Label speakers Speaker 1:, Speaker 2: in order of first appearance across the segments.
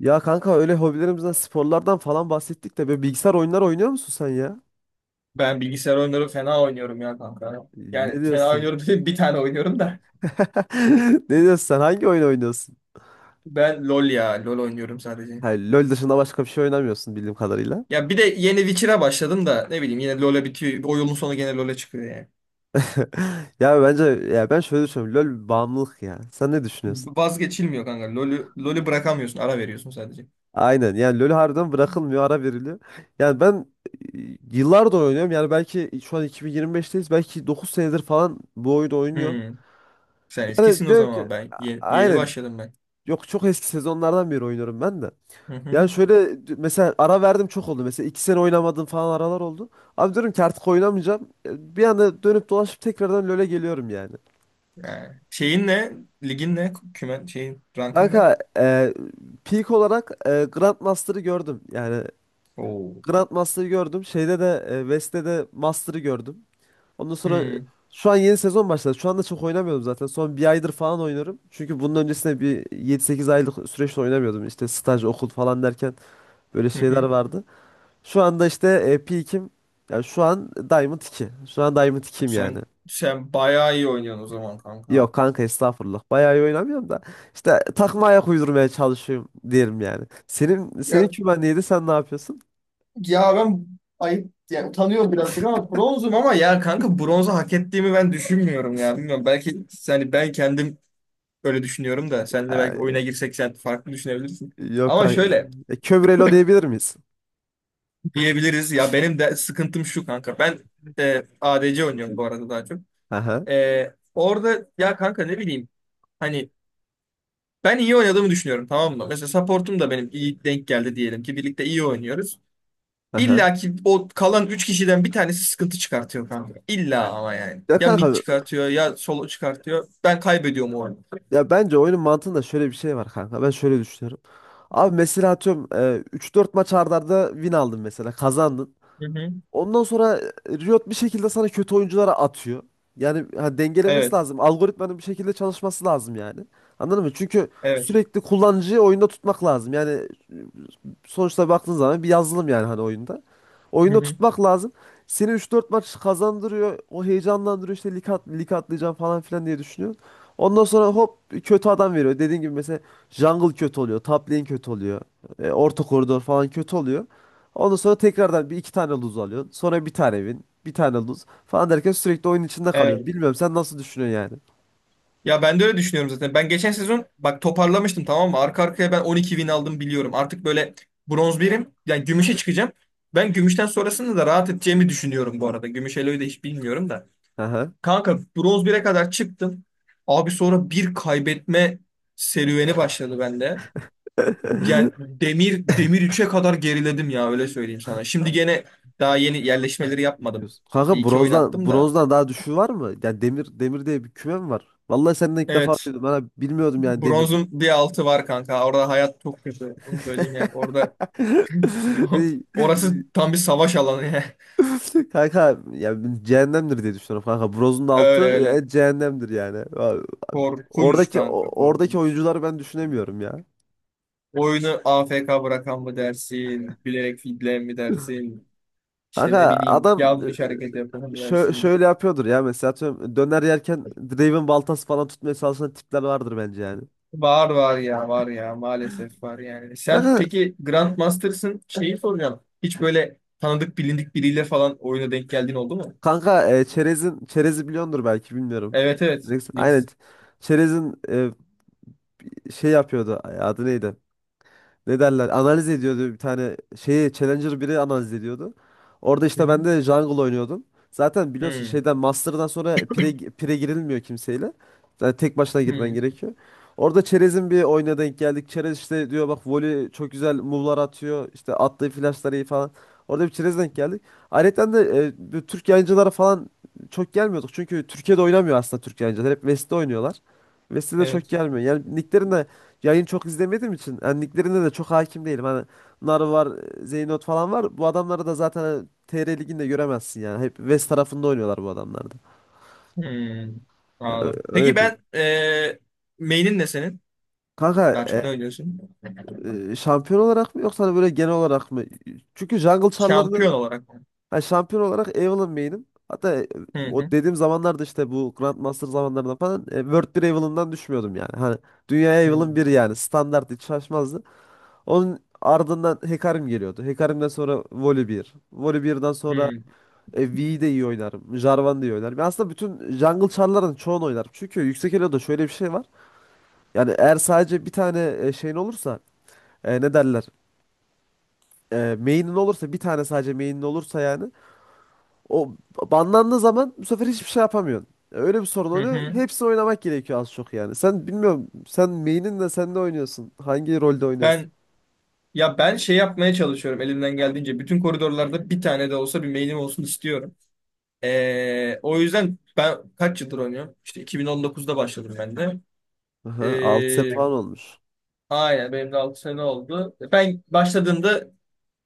Speaker 1: Ya kanka öyle hobilerimizden, sporlardan falan bahsettik de böyle bilgisayar oyunları oynuyor musun sen ya?
Speaker 2: Ben bilgisayar oyunları fena oynuyorum ya kanka.
Speaker 1: Ne
Speaker 2: Yani fena
Speaker 1: diyorsun?
Speaker 2: oynuyorum dedim bir tane oynuyorum da.
Speaker 1: Ne diyorsun sen? Hangi oyun oynuyorsun?
Speaker 2: Ben LoL ya. LoL oynuyorum sadece.
Speaker 1: Ha, LoL dışında başka bir şey oynamıyorsun bildiğim kadarıyla.
Speaker 2: Ya bir de yeni Witcher'a başladım da ne bileyim yine LoL'e bitiyor. O yolun sonu gene LoL'e çıkıyor yani.
Speaker 1: Ya bence ya ben şöyle düşünüyorum. LoL bağımlılık ya. Sen ne düşünüyorsun?
Speaker 2: Vazgeçilmiyor kanka. LoL'ü bırakamıyorsun. Ara veriyorsun sadece.
Speaker 1: Aynen. Yani LoL harbiden bırakılmıyor, ara veriliyor. Yani ben e, yıllardır oynuyorum. Yani belki şu an 2025'teyiz. Belki 9 senedir falan bu oyunu oynuyorum.
Speaker 2: Hmm. Sen eskisin o
Speaker 1: Diyorum ki
Speaker 2: zaman. Ben yeni
Speaker 1: aynen.
Speaker 2: başladım ben.
Speaker 1: Yok, çok eski sezonlardan beri oynuyorum ben de.
Speaker 2: Hı hı.
Speaker 1: Yani şöyle, mesela ara verdim çok oldu. Mesela 2 sene oynamadım falan, aralar oldu. Abi diyorum ki artık oynamayacağım. Bir anda dönüp dolaşıp tekrardan LoL'e geliyorum yani.
Speaker 2: Yani şeyin ne? Ligin ne? Kümen şeyin rankın ne?
Speaker 1: Kanka peak olarak Grandmaster'ı gördüm. Yani
Speaker 2: Oo.
Speaker 1: Grandmaster'ı gördüm. Şeyde de West'te de Master'ı gördüm. Ondan sonra
Speaker 2: Hmm.
Speaker 1: şu an yeni sezon başladı. Şu anda çok oynamıyorum zaten. Son 1 aydır falan oynuyorum. Çünkü bunun öncesinde bir 7-8 aylık süreçte oynamıyordum. İşte staj, okul falan derken böyle
Speaker 2: Hı
Speaker 1: şeyler
Speaker 2: hı.
Speaker 1: vardı. Şu anda işte peak'im. Yani şu an Diamond 2. Şu an Diamond 2'yim yani.
Speaker 2: Sen bayağı iyi oynuyorsun o zaman
Speaker 1: Yok
Speaker 2: kanka.
Speaker 1: kanka, estağfurullah. Bayağı iyi oynamıyorum da. İşte takıma ayak uydurmaya çalışıyorum diyelim yani. Senin
Speaker 2: Ya
Speaker 1: kümen neydi? Sen ne yapıyorsun?
Speaker 2: Ya ben ayıp yani utanıyorum birazcık ama bronzum ama ya kanka bronzu hak ettiğimi ben düşünmüyorum ya. Bilmiyorum belki yani ben kendim öyle düşünüyorum da sen de belki
Speaker 1: Ee,
Speaker 2: oyuna girsek sen farklı düşünebilirsin.
Speaker 1: yok
Speaker 2: Ama
Speaker 1: kanka.
Speaker 2: şöyle
Speaker 1: Kövrelo diyebilir miyiz?
Speaker 2: diyebiliriz ya benim de sıkıntım şu kanka. Ben ADC oynuyorum bu arada daha çok.
Speaker 1: Aha,
Speaker 2: Orada ya kanka ne bileyim hani ben iyi oynadığımı düşünüyorum tamam mı? Mesela supportum da benim iyi denk geldi diyelim ki birlikte iyi oynuyoruz.
Speaker 1: aha.
Speaker 2: İlla ki o kalan 3 kişiden bir tanesi sıkıntı çıkartıyor kanka. İlla ama yani.
Speaker 1: Ya
Speaker 2: Ya mid
Speaker 1: kanka,
Speaker 2: çıkartıyor ya solo çıkartıyor. Ben kaybediyorum o oyunu.
Speaker 1: ya bence oyunun mantığında şöyle bir şey var kanka. Ben şöyle düşünüyorum. Abi mesela atıyorum 3-4 maç arda arda win aldın mesela. Kazandın.
Speaker 2: Hı hı.
Speaker 1: Ondan sonra Riot bir şekilde sana kötü oyunculara atıyor. Yani ha, dengelemesi
Speaker 2: Evet.
Speaker 1: lazım. Algoritmanın bir şekilde çalışması lazım yani. Anladın mı? Çünkü
Speaker 2: Evet.
Speaker 1: sürekli kullanıcıyı oyunda tutmak lazım. Yani sonuçta baktığın zaman bir yazılım yani, hani oyunda.
Speaker 2: Hı
Speaker 1: Oyunda
Speaker 2: hı.
Speaker 1: tutmak lazım. Seni üç dört maç kazandırıyor. O heyecanlandırıyor, işte lig at, lig atlayacağım falan filan diye düşünüyorsun. Ondan sonra hop, kötü adam veriyor. Dediğin gibi mesela jungle kötü oluyor. Top lane kötü oluyor. Orta koridor falan kötü oluyor. Ondan sonra tekrardan bir iki tane lose alıyorsun. Sonra bir tane win. Bir tane lose falan derken sürekli oyun içinde kalıyorsun.
Speaker 2: Evet.
Speaker 1: Bilmiyorum, sen nasıl düşünüyorsun yani?
Speaker 2: Ya ben de öyle düşünüyorum zaten. Ben geçen sezon bak toparlamıştım tamam mı? Arka arkaya ben 12 win aldım biliyorum. Artık böyle bronz birim. Yani gümüşe çıkacağım. Ben gümüşten sonrasında da rahat edeceğimi düşünüyorum bu arada. Gümüş Eloy'u da hiç bilmiyorum da.
Speaker 1: Aha.
Speaker 2: Kanka bronz bire kadar çıktım. Abi sonra bir kaybetme serüveni başladı bende. Yani demir üç'e kadar geriledim ya öyle söyleyeyim sana. Şimdi gene daha yeni yerleşmeleri yapmadım.
Speaker 1: Diyorsun.
Speaker 2: Bir
Speaker 1: Kanka,
Speaker 2: iki oyun
Speaker 1: bronzdan
Speaker 2: attım da.
Speaker 1: bronzdan daha düşüğü var mı? Yani demir demir diye bir küme mi var? Vallahi senden ilk defa
Speaker 2: Evet.
Speaker 1: duydum. Ben abi bilmiyordum yani, demir.
Speaker 2: Bronzun bir altı var kanka. Orada hayat çok kötü. Onu söyleyeyim yani. Orada orası tam bir savaş alanı ya.
Speaker 1: Kanka yani cehennemdir diye düşünüyorum kanka. Brozun da
Speaker 2: Öyle
Speaker 1: altı
Speaker 2: öyle.
Speaker 1: cehennemdir yani. Ya,
Speaker 2: Korkunç
Speaker 1: oradaki
Speaker 2: kanka
Speaker 1: oradaki
Speaker 2: korkunç.
Speaker 1: oyuncuları ben düşünemiyorum ya.
Speaker 2: Oyunu AFK bırakan mı dersin? Bilerek fidleyen mi dersin? İşte ne
Speaker 1: Kanka
Speaker 2: bileyim
Speaker 1: adam
Speaker 2: yanlış hareket yapan
Speaker 1: e,
Speaker 2: mı
Speaker 1: şö-
Speaker 2: dersin?
Speaker 1: şöyle yapıyordur ya, mesela atıyorum döner yerken Draven baltası falan tutmaya çalışan tipler vardır bence yani.
Speaker 2: Var var ya var ya maalesef var yani. Sen peki Grandmaster'sın şeyi soracağım. Hiç böyle tanıdık bilindik biriyle falan oyuna denk geldiğin oldu mu?
Speaker 1: Kanka çerezin çerezi biliyordur belki, bilmiyorum.
Speaker 2: Evet evet.
Speaker 1: Neyse, aynen.
Speaker 2: Links.
Speaker 1: Çerezin şey yapıyordu. Ay, adı neydi? Ne derler, analiz ediyordu bir tane şeyi, Challenger biri analiz ediyordu. Orada
Speaker 2: Hı
Speaker 1: işte
Speaker 2: hı.
Speaker 1: ben de jungle oynuyordum. Zaten biliyorsun,
Speaker 2: Hmm.
Speaker 1: şeyden Master'dan sonra pire, pire girilmiyor kimseyle. Yani tek başına girmen
Speaker 2: Hmm.
Speaker 1: gerekiyor. Orada Çerez'in bir oyuna denk geldik. Çerez işte diyor, bak voli çok güzel move'lar atıyor. İşte attığı flash'lar iyi falan. Orada bir Çerez'e denk geldik. Ayrıca de bu Türk yayıncılara falan çok gelmiyorduk. Çünkü Türkiye'de oynamıyor aslında Türk yayıncılar. Hep West'te oynuyorlar. West'te de çok
Speaker 2: Evet.
Speaker 1: gelmiyor. Yani nicklerin de, yayın çok izlemediğim için, yani liglerine de çok hakim değilim. Hani Nar var, Zeynot falan var. Bu adamları da zaten hani TR liginde göremezsin yani. Hep West tarafında oynuyorlar bu adamlar da.
Speaker 2: Hmm.
Speaker 1: Yani ö-
Speaker 2: Anladım. Peki
Speaker 1: öyle diyeyim.
Speaker 2: ben main'in ne senin?
Speaker 1: Kanka
Speaker 2: Daha çok ne oynuyorsun?
Speaker 1: şampiyon olarak mı yoksa hani böyle genel olarak mı? Çünkü Jungle Char'larının,
Speaker 2: Şampiyon olarak.
Speaker 1: hani şampiyon olarak, Evelynn main'im. Hatta
Speaker 2: Hı
Speaker 1: o
Speaker 2: hı.
Speaker 1: dediğim zamanlarda, işte bu Grandmaster zamanlarında falan, World bir Evelyn'dan düşmüyordum yani. Hani dünya
Speaker 2: Hı
Speaker 1: Evelynn bir, yani standart, hiç şaşmazdı. Onun ardından Hekarim geliyordu. Hekarim'den sonra Voli 1. Sonra
Speaker 2: hı.
Speaker 1: V'yi de iyi oynarım. Jarvan da iyi oynarım. Ya aslında bütün jungle char'ların çoğunu oynarım. Çünkü yüksek elo'da şöyle bir şey var. Yani eğer sadece bir tane şeyin olursa, ne derler? Main'in olursa, bir tane sadece main'in olursa yani, o banlandığı zaman bu sefer hiçbir şey yapamıyorsun. Öyle bir sorun
Speaker 2: Hı
Speaker 1: oluyor.
Speaker 2: hı.
Speaker 1: Hepsini oynamak gerekiyor az çok yani. Sen, bilmiyorum, sen main'in, de sen de oynuyorsun. Hangi rolde oynuyorsun?
Speaker 2: Ben ben şey yapmaya çalışıyorum elimden geldiğince. Bütün koridorlarda bir tane de olsa bir main'im olsun istiyorum. O yüzden ben kaç yıldır oynuyorum? İşte 2019'da başladım ben de.
Speaker 1: Aha, 6 sene falan
Speaker 2: Ee,
Speaker 1: olmuş.
Speaker 2: aynen benim de 6 sene oldu. Ben başladığımda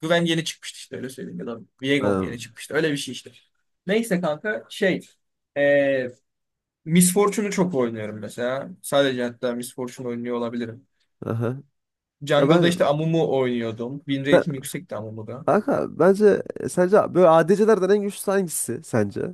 Speaker 2: Güven yeni çıkmıştı işte öyle söyleyeyim ya da Viego mu
Speaker 1: Ha.
Speaker 2: yeni çıkmıştı öyle bir şey işte. Neyse kanka şey ee, Miss Fortune'u çok oynuyorum mesela. Sadece hatta Miss Fortune oynuyor olabilirim.
Speaker 1: Aha. Ya
Speaker 2: Jungle'da işte Amumu oynuyordum. Win
Speaker 1: sen,
Speaker 2: rate'im yüksekti Amumu'da.
Speaker 1: kanka bence sence böyle ADC'lerden en güçlü hangisi sence?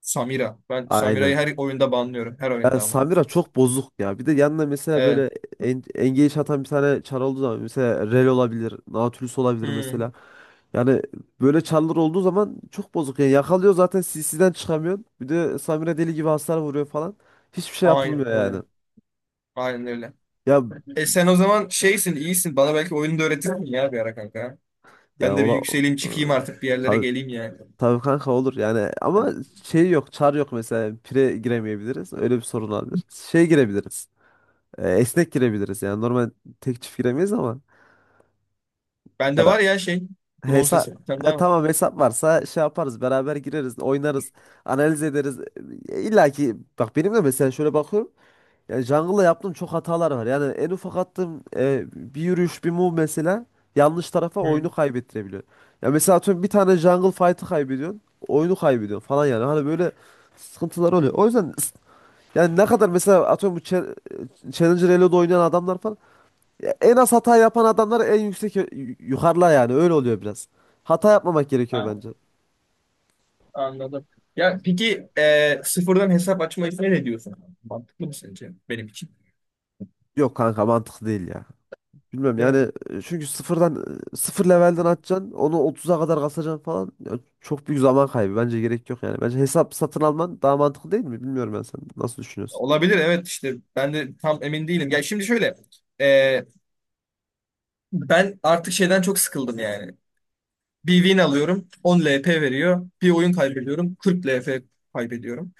Speaker 2: Samira. Ben Samira'yı
Speaker 1: Aynen.
Speaker 2: her oyunda banlıyorum. Her
Speaker 1: Ya
Speaker 2: oyunda ama.
Speaker 1: Samira çok bozuk ya. Bir de yanına mesela
Speaker 2: Evet.
Speaker 1: böyle engage atan bir tane çar olduğu zaman, mesela Rel olabilir, Nautilus olabilir
Speaker 2: Hmm.
Speaker 1: mesela. Yani böyle çarlar olduğu zaman çok bozuk. Yani yakalıyor, zaten CC'den çıkamıyorsun. Bir de Samira deli gibi hasar vuruyor falan. Hiçbir şey
Speaker 2: Aynen
Speaker 1: yapılmıyor yani.
Speaker 2: öyle. Aynen öyle.
Speaker 1: Ya
Speaker 2: E sen o zaman şeysin, iyisin. Bana belki oyunu da öğretirsin ya bir ara kanka.
Speaker 1: ya
Speaker 2: Ben de bir
Speaker 1: ola,
Speaker 2: yükseleyim, çıkayım artık bir yerlere geleyim yani.
Speaker 1: Tabii kanka olur yani, ama şey, yok çar yok, mesela pire giremeyebiliriz, öyle bir sorun olabilir. Şey girebiliriz, esnek girebiliriz yani, normal tek çift giremeyiz ama
Speaker 2: Bende var ya şey, bronz
Speaker 1: hesap,
Speaker 2: hesap bir tane daha var.
Speaker 1: tamam, hesap varsa şey yaparız, beraber gireriz oynarız, analiz ederiz. İlla ki bak, benim de mesela şöyle bakıyorum, yani jungle'la yaptığım çok hatalar var. Yani en ufak attığım bir yürüyüş, bir move mesela yanlış tarafa
Speaker 2: Hı.
Speaker 1: oyunu kaybettirebiliyor. Ya mesela atıyorum bir tane jungle fight'ı kaybediyorsun, oyunu kaybediyorsun falan yani. Hani böyle sıkıntılar oluyor. O yüzden yani, ne kadar mesela atıyorum bu Challenger Elo'da oynayan adamlar falan, ya en az hata yapan adamlar en yüksek, yukarıda yani, öyle oluyor biraz. Hata yapmamak gerekiyor
Speaker 2: A-
Speaker 1: bence.
Speaker 2: Anladım. Ya peki sıfırdan hesap açma sen ne diyorsun? Mantıklı mı sence benim için?
Speaker 1: Yok kanka, mantıklı değil ya. Bilmem
Speaker 2: Değil
Speaker 1: yani,
Speaker 2: mi?
Speaker 1: çünkü sıfırdan, sıfır levelden atacaksın onu 30'a kadar kasacaksın falan. Ya çok büyük zaman kaybı, bence gerek yok yani. Bence hesap satın alman daha mantıklı, değil mi? Bilmiyorum, ben, sen nasıl düşünüyorsun?
Speaker 2: Olabilir evet işte ben de tam emin değilim. Ya şimdi şöyle e, ben artık şeyden çok sıkıldım yani. Bir win alıyorum 10 LP veriyor. Bir oyun kaybediyorum 40 LP kaybediyorum.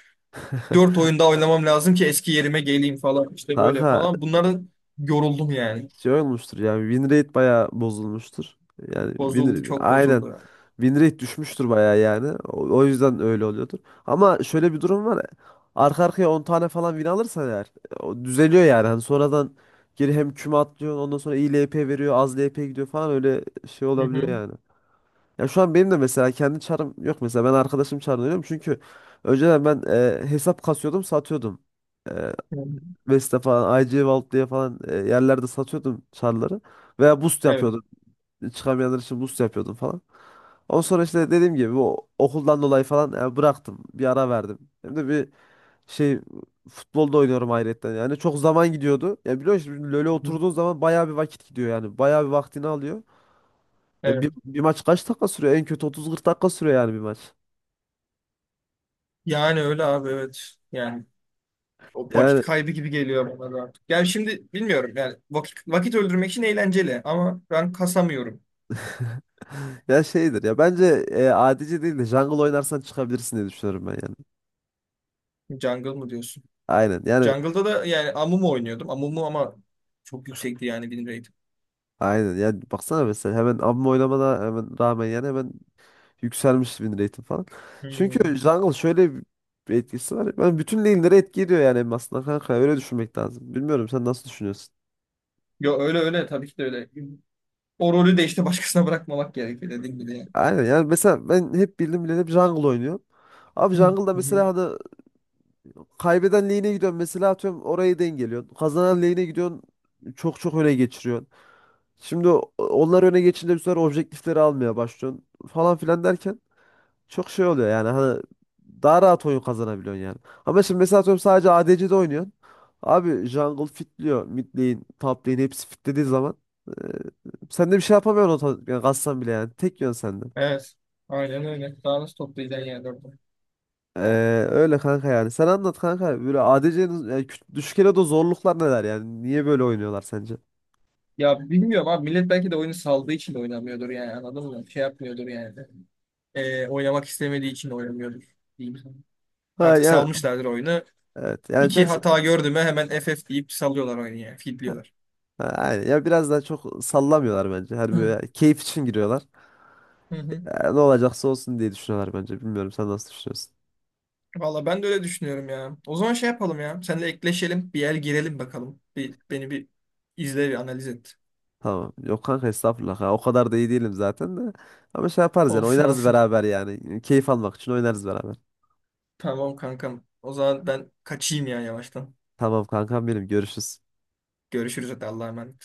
Speaker 2: Dört oyunda oynamam lazım ki eski yerime geleyim falan işte böyle
Speaker 1: Kanka
Speaker 2: falan. Bunlara yoruldum yani.
Speaker 1: şey olmuştur yani, win rate bayağı bozulmuştur. Yani
Speaker 2: Bozuldu çok
Speaker 1: aynen,
Speaker 2: bozuldu yani.
Speaker 1: win rate düşmüştür bayağı yani. O yüzden öyle oluyordur. Ama şöyle bir durum var. Arka arkaya 10 tane falan win alırsan eğer, o düzeliyor yani. Hani sonradan geri hem küme atlıyorsun, ondan sonra iyi LP veriyor, az LP gidiyor falan, öyle şey
Speaker 2: Hı
Speaker 1: olabiliyor
Speaker 2: hı.
Speaker 1: yani. Ya şu an benim de mesela kendi çarım yok, mesela ben arkadaşım çarını oynuyorum, çünkü önceden ben hesap kasıyordum, satıyordum. E,
Speaker 2: Hı hı.
Speaker 1: Vesta falan, IC Vault diye falan yerlerde satıyordum çarları, veya boost
Speaker 2: Evet.
Speaker 1: yapıyordum. Çıkamayanlar için boost yapıyordum falan. Ondan sonra işte dediğim gibi o okuldan dolayı falan bıraktım. Bir ara verdim. Hem de bir şey futbolda oynuyorum ayrıca yani, çok zaman gidiyordu. Ya biliyorsun şimdi LoL'e
Speaker 2: Hı hı.
Speaker 1: oturduğun zaman bayağı bir vakit gidiyor yani. Bayağı bir vaktini alıyor. Ya
Speaker 2: Evet.
Speaker 1: bir maç kaç dakika sürüyor? En kötü 30-40 dakika sürüyor yani bir maç.
Speaker 2: Yani öyle abi evet. Yani o vakit
Speaker 1: Yani
Speaker 2: kaybı gibi geliyor bana da artık. Yani şimdi bilmiyorum yani vakit öldürmek için eğlenceli ama ben kasamıyorum.
Speaker 1: ya şeydir ya, bence adici değil de jungle oynarsan çıkabilirsin diye düşünüyorum ben yani.
Speaker 2: Jungle mı diyorsun?
Speaker 1: Aynen yani
Speaker 2: Jungle'da da yani Amumu oynuyordum. Amumu ama çok yüksekti yani benim rate'im.
Speaker 1: aynen yani, baksana, mesela hemen abim oynamana hemen rağmen, yani hemen yükselmiş win rate'im falan. Çünkü
Speaker 2: Hmm.
Speaker 1: jungle şöyle bir etkisi var. Ben bütün lane'lere etki ediyor yani, hem aslında kanka öyle düşünmek lazım. Bilmiyorum, sen nasıl düşünüyorsun?
Speaker 2: Yo öyle öyle tabii ki de öyle. O rolü de işte başkasına bırakmamak gerekiyor dediğim gibi yani.
Speaker 1: Aynen yani mesela ben hep bildim bileli hep jungle oynuyorum. Abi jungle'da
Speaker 2: Hı hı.
Speaker 1: mesela hani kaybeden lane'e gidiyorsun, mesela atıyorum orayı dengeliyorsun. Kazanan lane'e gidiyorsun, çok çok öne geçiriyorsun. Şimdi onlar öne geçince bu sefer objektifleri almaya başlıyorsun falan filan derken çok şey oluyor yani, hani daha rahat oyun kazanabiliyorsun yani. Ama şimdi mesela atıyorum sadece ADC'de oynuyorsun. Abi jungle fitliyor. Mid lane, top lane hepsi fitlediği zaman e, sen de bir şey yapamıyorsun o yani, kassan bile yani. Tek yön sende.
Speaker 2: Evet. Aynen öyle. Daha nasıl toplayacaksın yani orada?
Speaker 1: Ee, öyle kanka yani. Sen anlat kanka. Böyle ADC'nin yani düşük elo de zorluklar neler yani? Niye böyle oynuyorlar sence?
Speaker 2: Ya bilmiyorum abi millet belki de oyunu saldığı için de oynamıyordur yani anladın mı? Şey yapmıyordur yani. Oynamak istemediği için de oynamıyordur diyeyim sana.
Speaker 1: Ha
Speaker 2: Artık
Speaker 1: yani,
Speaker 2: salmışlardır oyunu.
Speaker 1: evet. Yani
Speaker 2: İki
Speaker 1: çok.
Speaker 2: hata gördü mü hemen FF deyip salıyorlar oyunu yani. Fitliyorlar.
Speaker 1: Ha, aynen. Ya biraz daha çok sallamıyorlar bence. Hani
Speaker 2: Hı
Speaker 1: böyle keyif için giriyorlar.
Speaker 2: hı. Hı.
Speaker 1: Ya ne olacaksa olsun diye düşünüyorlar bence. Bilmiyorum, sen nasıl düşünüyorsun?
Speaker 2: Valla ben de öyle düşünüyorum ya. O zaman şey yapalım ya. Seninle ekleşelim. Bir yer girelim bakalım. Bir, beni bir izle bir analiz et.
Speaker 1: Tamam. Yok kanka estağfurullah ya. O kadar da iyi değilim zaten de. Ama şey yaparız yani,
Speaker 2: Olsun
Speaker 1: oynarız
Speaker 2: olsun.
Speaker 1: beraber yani. Keyif almak için oynarız beraber.
Speaker 2: Tamam kankam. O zaman ben kaçayım ya yavaştan.
Speaker 1: Tamam kankam benim, görüşürüz.
Speaker 2: Görüşürüz hadi Allah'a emanet.